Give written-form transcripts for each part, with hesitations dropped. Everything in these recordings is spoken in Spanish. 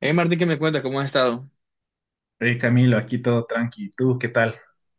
Hey Martín, ¿qué me cuenta? ¿Cómo has estado? Hey Camilo, aquí todo tranqui. ¿Tú qué tal?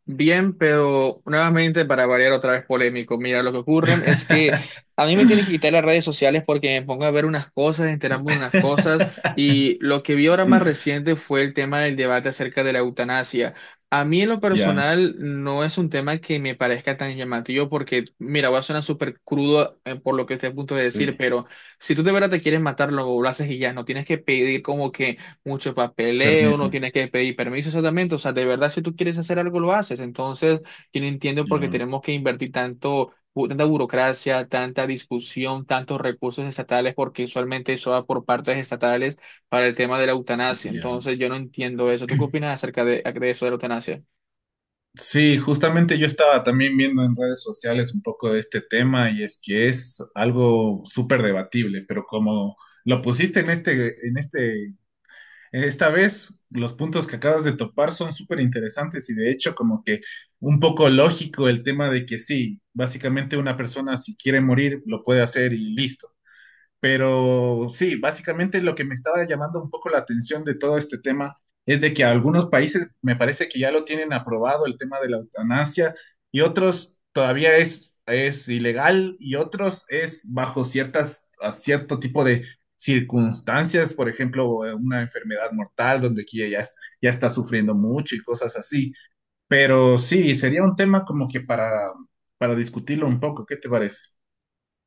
Bien, pero nuevamente para variar otra vez polémico. Mira, lo que ocurre es que a mí me tienen que quitar las redes sociales porque me pongo a ver unas cosas, enterarme de unas cosas y lo que vi ahora más reciente fue el tema del debate acerca de la eutanasia. A mí en lo Ya, personal no es un tema que me parezca tan llamativo porque, mira, va a sonar súper crudo por lo que estoy a punto de decir, sí. pero si tú de verdad te quieres matar, lo haces y ya, no tienes que pedir como que mucho papeleo, Permiso. no tienes que pedir permiso exactamente, o sea, de verdad si tú quieres hacer algo lo haces, entonces yo no entiendo por qué Ya, tenemos que invertir tanto, tanta burocracia, tanta discusión, tantos recursos estatales, porque usualmente eso va por partes estatales para el tema de la eutanasia, ya. entonces yo no entiendo eso, ¿tú qué opinas acerca de eso de la eutanasia? Sí, justamente yo estaba también viendo en redes sociales un poco de este tema y es que es algo súper debatible, pero como lo pusiste en este Esta vez los puntos que acabas de topar son súper interesantes y de hecho como que un poco lógico el tema de que sí, básicamente una persona si quiere morir lo puede hacer y listo. Pero sí, básicamente lo que me estaba llamando un poco la atención de todo este tema es de que algunos países me parece que ya lo tienen aprobado el tema de la eutanasia y otros todavía es ilegal y otros es bajo ciertas, a cierto tipo de circunstancias, por ejemplo, una enfermedad mortal donde aquí ya, ya está sufriendo mucho y cosas así. Pero sí, sería un tema como que para discutirlo un poco, ¿qué te parece?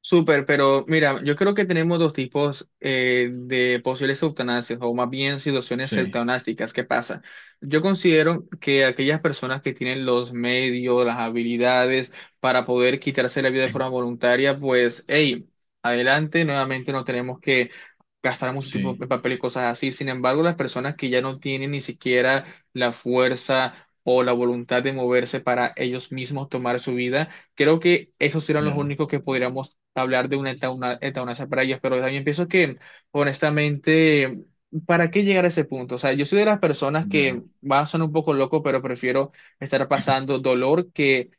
Súper, pero mira, yo creo que tenemos dos tipos de posibles eutanasias, o más bien situaciones Sí, eutanásticas. ¿Qué pasa? Yo considero que aquellas personas que tienen los medios, las habilidades para poder quitarse la vida de forma voluntaria, pues, hey, adelante, nuevamente no tenemos que gastar mucho tiempo sí, en papel y cosas así. Sin embargo, las personas que ya no tienen ni siquiera la fuerza o la voluntad de moverse para ellos mismos tomar su vida, creo que esos serán los ya, únicos que podríamos hablar de una eutanasia para ellos, pero también pienso que, honestamente, ¿para qué llegar a ese punto? O sea, yo soy de las personas ya. que va a sonar un poco loco, pero prefiero estar pasando dolor que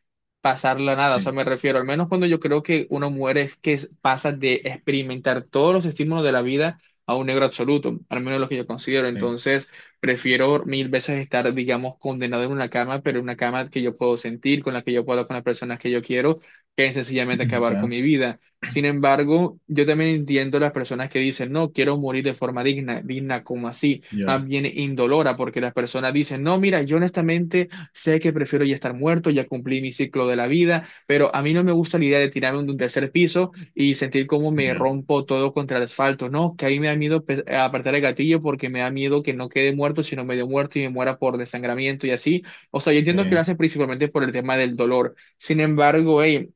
pasarla nada. O sea, Sí, me refiero, al menos cuando yo creo que uno muere es que pasa de experimentar todos los estímulos de la vida a un negro absoluto, al menos lo que yo considero. sí, Entonces, prefiero mil veces estar, digamos, condenado en una cama, pero en una cama que yo puedo sentir, con la que yo puedo, hablar con las personas que yo quiero, que sencillamente acabar con ya, mi vida. Sin embargo, yo también entiendo las personas que dicen, no, quiero morir de forma digna, digna como así, más ya, bien indolora, porque las personas dicen, no, mira, yo honestamente sé que prefiero ya estar muerto, ya cumplí mi ciclo de la vida, pero a mí no me gusta la idea de tirarme de un tercer piso y sentir cómo me ya, rompo todo contra el asfalto, no, que ahí me da miedo apretar el gatillo porque me da miedo que no quede muerto, sino medio muerto y me muera por desangramiento y así. O sea, yo entiendo que lo eh, hacen principalmente por el tema del dolor. Sin embargo, hey,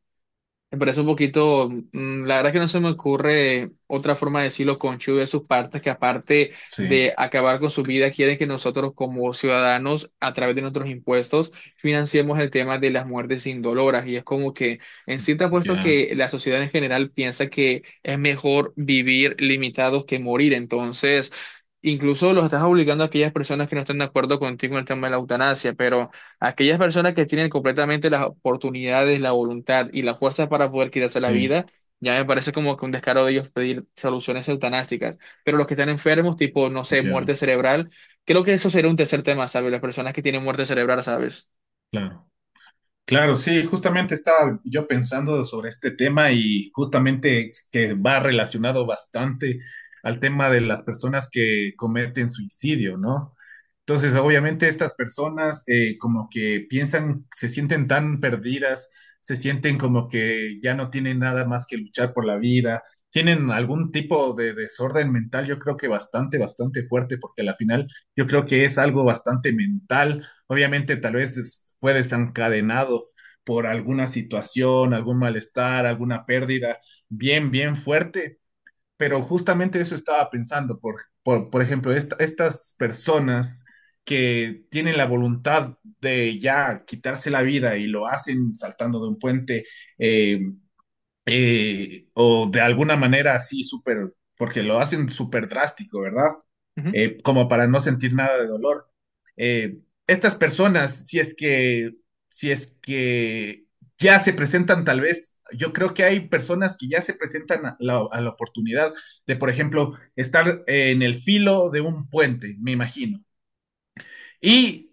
me parece un poquito, la verdad que no se me ocurre otra forma de decirlo conchudo de sus partes, que aparte sí, de acabar con su vida, quieren que nosotros como ciudadanos, a través de nuestros impuestos, financiemos el tema de las muertes indoloras. Y es como que, en sí te apuesto ya, que la sociedad en general piensa que es mejor vivir limitados que morir. Entonces, incluso los estás obligando a aquellas personas que no están de acuerdo contigo en el tema de la eutanasia, pero... Aquellas personas que tienen completamente las oportunidades, la voluntad y la fuerza para poder quitarse la sí, vida, ya me parece como que un descaro de ellos pedir soluciones eutanásticas. Pero los que están enfermos, tipo, no sé, ya, muerte cerebral, creo que eso sería un tercer tema, ¿sabes? Las personas que tienen muerte cerebral, ¿sabes? claro. Claro, sí, justamente estaba yo pensando sobre este tema y justamente que va relacionado bastante al tema de las personas que cometen suicidio, ¿no? Entonces, obviamente estas personas como que piensan, se sienten tan perdidas, se sienten como que ya no tienen nada más que luchar por la vida, tienen algún tipo de desorden mental, yo creo que bastante fuerte, porque al final yo creo que es algo bastante mental. Obviamente tal vez fue desencadenado por alguna situación, algún malestar, alguna pérdida bien fuerte, pero justamente eso estaba pensando, por ejemplo, estas personas que tienen la voluntad de ya quitarse la vida y lo hacen saltando de un puente, eh, o de alguna manera así súper, porque lo hacen súper drástico, ¿verdad? Como para no sentir nada de dolor. Eh, estas personas, si es que ya se presentan tal vez, yo creo que hay personas que ya se presentan a a la oportunidad de, por ejemplo, estar en el filo de un puente, me imagino. Y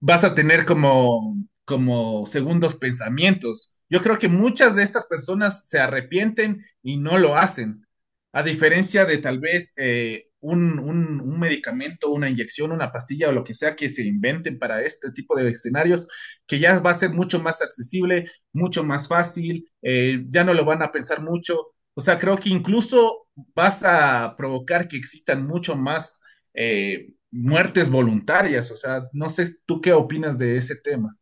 vas a tener como segundos pensamientos. Yo creo que muchas de estas personas se arrepienten y no lo hacen, a diferencia de tal vez un medicamento, una inyección, una pastilla o lo que sea que se inventen para este tipo de escenarios, que ya va a ser mucho más accesible, mucho más fácil, ya no lo van a pensar mucho. O sea, creo que incluso vas a provocar que existan mucho más eh, muertes voluntarias. O sea, no sé tú qué opinas de ese tema.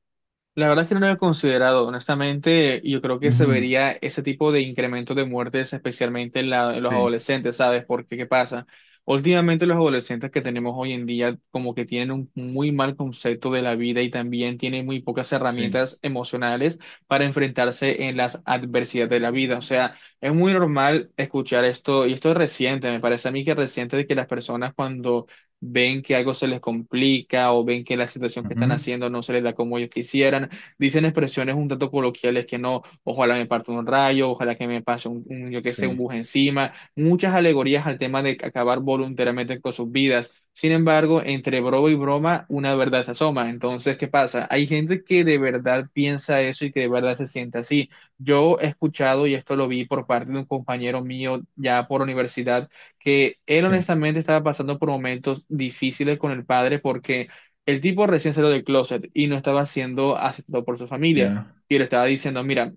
La verdad es que no lo había considerado, honestamente, yo creo que se Ujú, vería ese tipo de incremento de muertes, especialmente en, en los sí, adolescentes, ¿sabes? Porque, ¿qué pasa? Últimamente los adolescentes que tenemos hoy en día como que tienen un muy mal concepto de la vida y también tienen muy pocas sí, herramientas emocionales para enfrentarse en las adversidades de la vida. O sea, es muy normal escuchar esto, y esto es reciente, me parece a mí que es reciente de que las personas cuando ven que algo se les complica o ven que la situación que están ujú, haciendo no se les da como ellos quisieran, dicen expresiones un tanto coloquiales que no, ojalá me parta un rayo, ojalá que me pase un, yo qué sé, un sí, bus encima, muchas alegorías al tema de acabar voluntariamente con sus vidas. Sin embargo, entre broma y broma, una verdad se asoma. Entonces, ¿qué pasa? Hay gente que de verdad piensa eso y que de verdad se siente así. Yo he escuchado, y esto lo vi por parte de un compañero mío ya por universidad, que él sí, honestamente estaba pasando por momentos difíciles con el padre porque el tipo recién salió del closet y no estaba siendo aceptado por su familia. ya, Y le estaba diciendo, mira,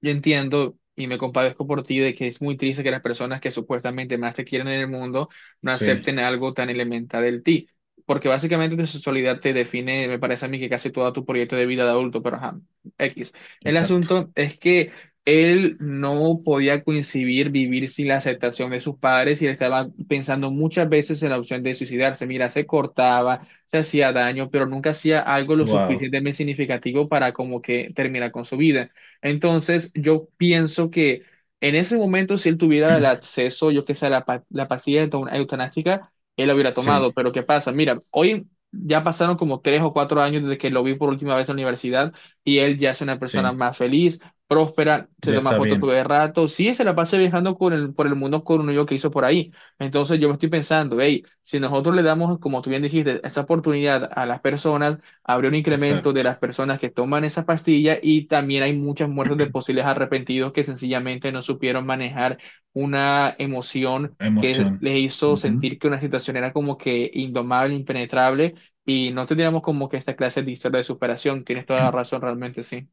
yo entiendo y me compadezco por ti de que es muy triste que las personas que supuestamente más te quieren en el mundo no sí, acepten algo tan elemental del ti, porque básicamente tu sexualidad te define, me parece a mí, que casi todo tu proyecto de vida de adulto, pero ajá, X. El exacto. asunto es que él no podía coincidir vivir sin la aceptación de sus padres y él estaba pensando muchas veces en la opción de suicidarse. Mira, se cortaba, se hacía daño, pero nunca hacía algo lo Wow, suficientemente significativo para como que terminar con su vida. Entonces, yo pienso que en ese momento, si él tuviera el acceso, yo que sé, a la, la pastilla eutanásica, él la hubiera tomado. sí, Pero ¿qué pasa? Mira, hoy ya pasaron como tres o cuatro años desde que lo vi por última vez en la universidad y él ya es una persona sí, más feliz, próspera, se ya toma está fotos todo bien, el rato. Sí, se la pasa viajando con por el mundo con un yo que hizo por ahí. Entonces, yo me estoy pensando, hey, si nosotros le damos, como tú bien dijiste, esa oportunidad a las personas, habría un incremento de exacto. las personas que toman esa pastilla y también hay muchas muertes de posibles arrepentidos que sencillamente no supieron manejar una emoción que Emoción. les hizo sentir que una situación era como que indomable, impenetrable y no tendríamos como que esta clase de historia de superación. Tienes toda la razón, realmente sí.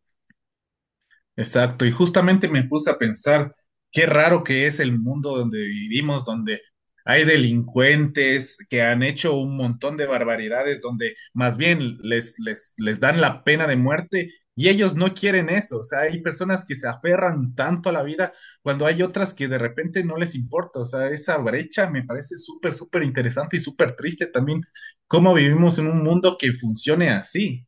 Exacto, y justamente me puse a pensar qué raro que es el mundo donde vivimos, donde hay delincuentes que han hecho un montón de barbaridades, donde más bien les dan la pena de muerte y ellos no quieren eso. O sea, hay personas que se aferran tanto a la vida cuando hay otras que de repente no les importa. O sea, esa brecha me parece súper, súper interesante y súper triste también cómo vivimos en un mundo que funcione así.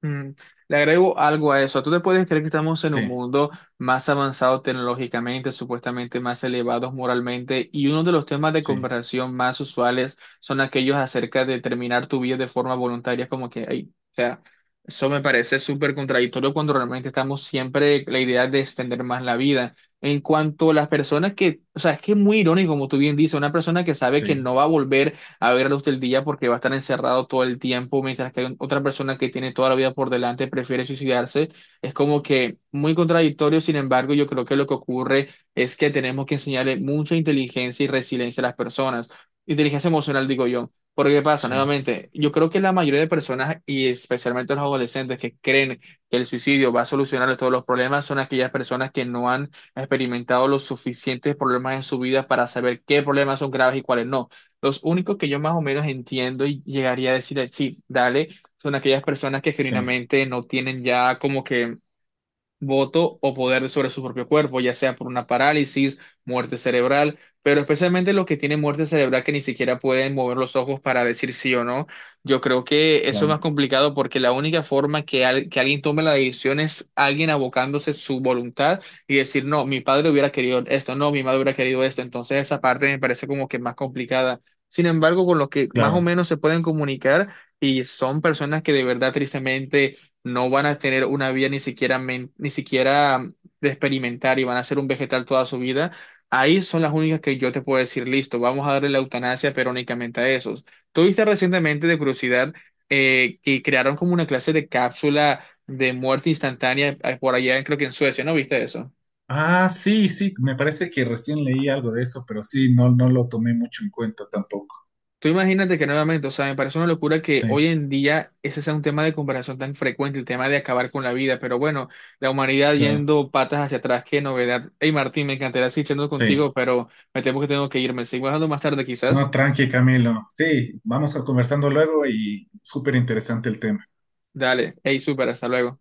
Mm, le agrego algo a eso. ¿Tú te puedes creer que estamos en un Sí, mundo más avanzado tecnológicamente, supuestamente más elevados moralmente? Y uno de los temas de sí, conversación más usuales son aquellos acerca de terminar tu vida de forma voluntaria, como que, ay, o sea, eso me parece súper contradictorio cuando realmente estamos siempre la idea de extender más la vida. En cuanto a las personas que, o sea, es que es muy irónico, como tú bien dices, una persona que sabe que sí, no va a volver a ver a luz del día porque va a estar encerrado todo el tiempo, mientras que hay otra persona que tiene toda la vida por delante prefiere suicidarse. Es como que muy contradictorio, sin embargo, yo creo que lo que ocurre es que tenemos que enseñarle mucha inteligencia y resiliencia a las personas. Inteligencia emocional, digo yo. Porque ¿qué pasa? sí, Nuevamente, yo creo que la mayoría de personas, y especialmente los adolescentes que creen que el suicidio va a solucionar todos los problemas, son aquellas personas que no han experimentado los suficientes problemas en su vida para saber qué problemas son graves y cuáles no. Los únicos que yo más o menos entiendo y llegaría a decir, sí, dale, son aquellas personas que sí. genuinamente no tienen ya como que voto o poder sobre su propio cuerpo, ya sea por una parálisis, muerte cerebral, pero especialmente los que tienen muerte cerebral que ni siquiera pueden mover los ojos para decir sí o no. Yo creo que eso es más Claro, complicado porque la única forma que, que alguien tome la decisión es alguien abocándose su voluntad y decir, no, mi padre hubiera querido esto, no, mi madre hubiera querido esto. Entonces esa parte me parece como que más complicada. Sin embargo, con los que más o claro. menos se pueden comunicar y son personas que de verdad tristemente no van a tener una vida ni siquiera, ni siquiera de experimentar y van a ser un vegetal toda su vida, ahí son las únicas que yo te puedo decir, listo, vamos a darle la eutanasia, pero únicamente a esos. Tuviste recientemente de curiosidad que crearon como una clase de cápsula de muerte instantánea por allá, creo que en Suecia, ¿no viste eso? Ah, sí, sí, me parece que recién leí algo de eso, pero sí, no, no lo tomé mucho en cuenta tampoco. Tú imagínate que nuevamente, o sea, me parece una locura que Sí, hoy en día ese sea un tema de comparación tan frecuente, el tema de acabar con la vida, pero bueno, la humanidad claro, yendo patas hacia atrás, qué novedad. Hey Martín, me encantaría seguir charlando sí. contigo, pero me temo que tengo que irme. Sigo hablando más tarde No, quizás. tranqui, Camilo. Sí, vamos a conversando luego y súper interesante el tema. Dale, hey, súper, hasta luego.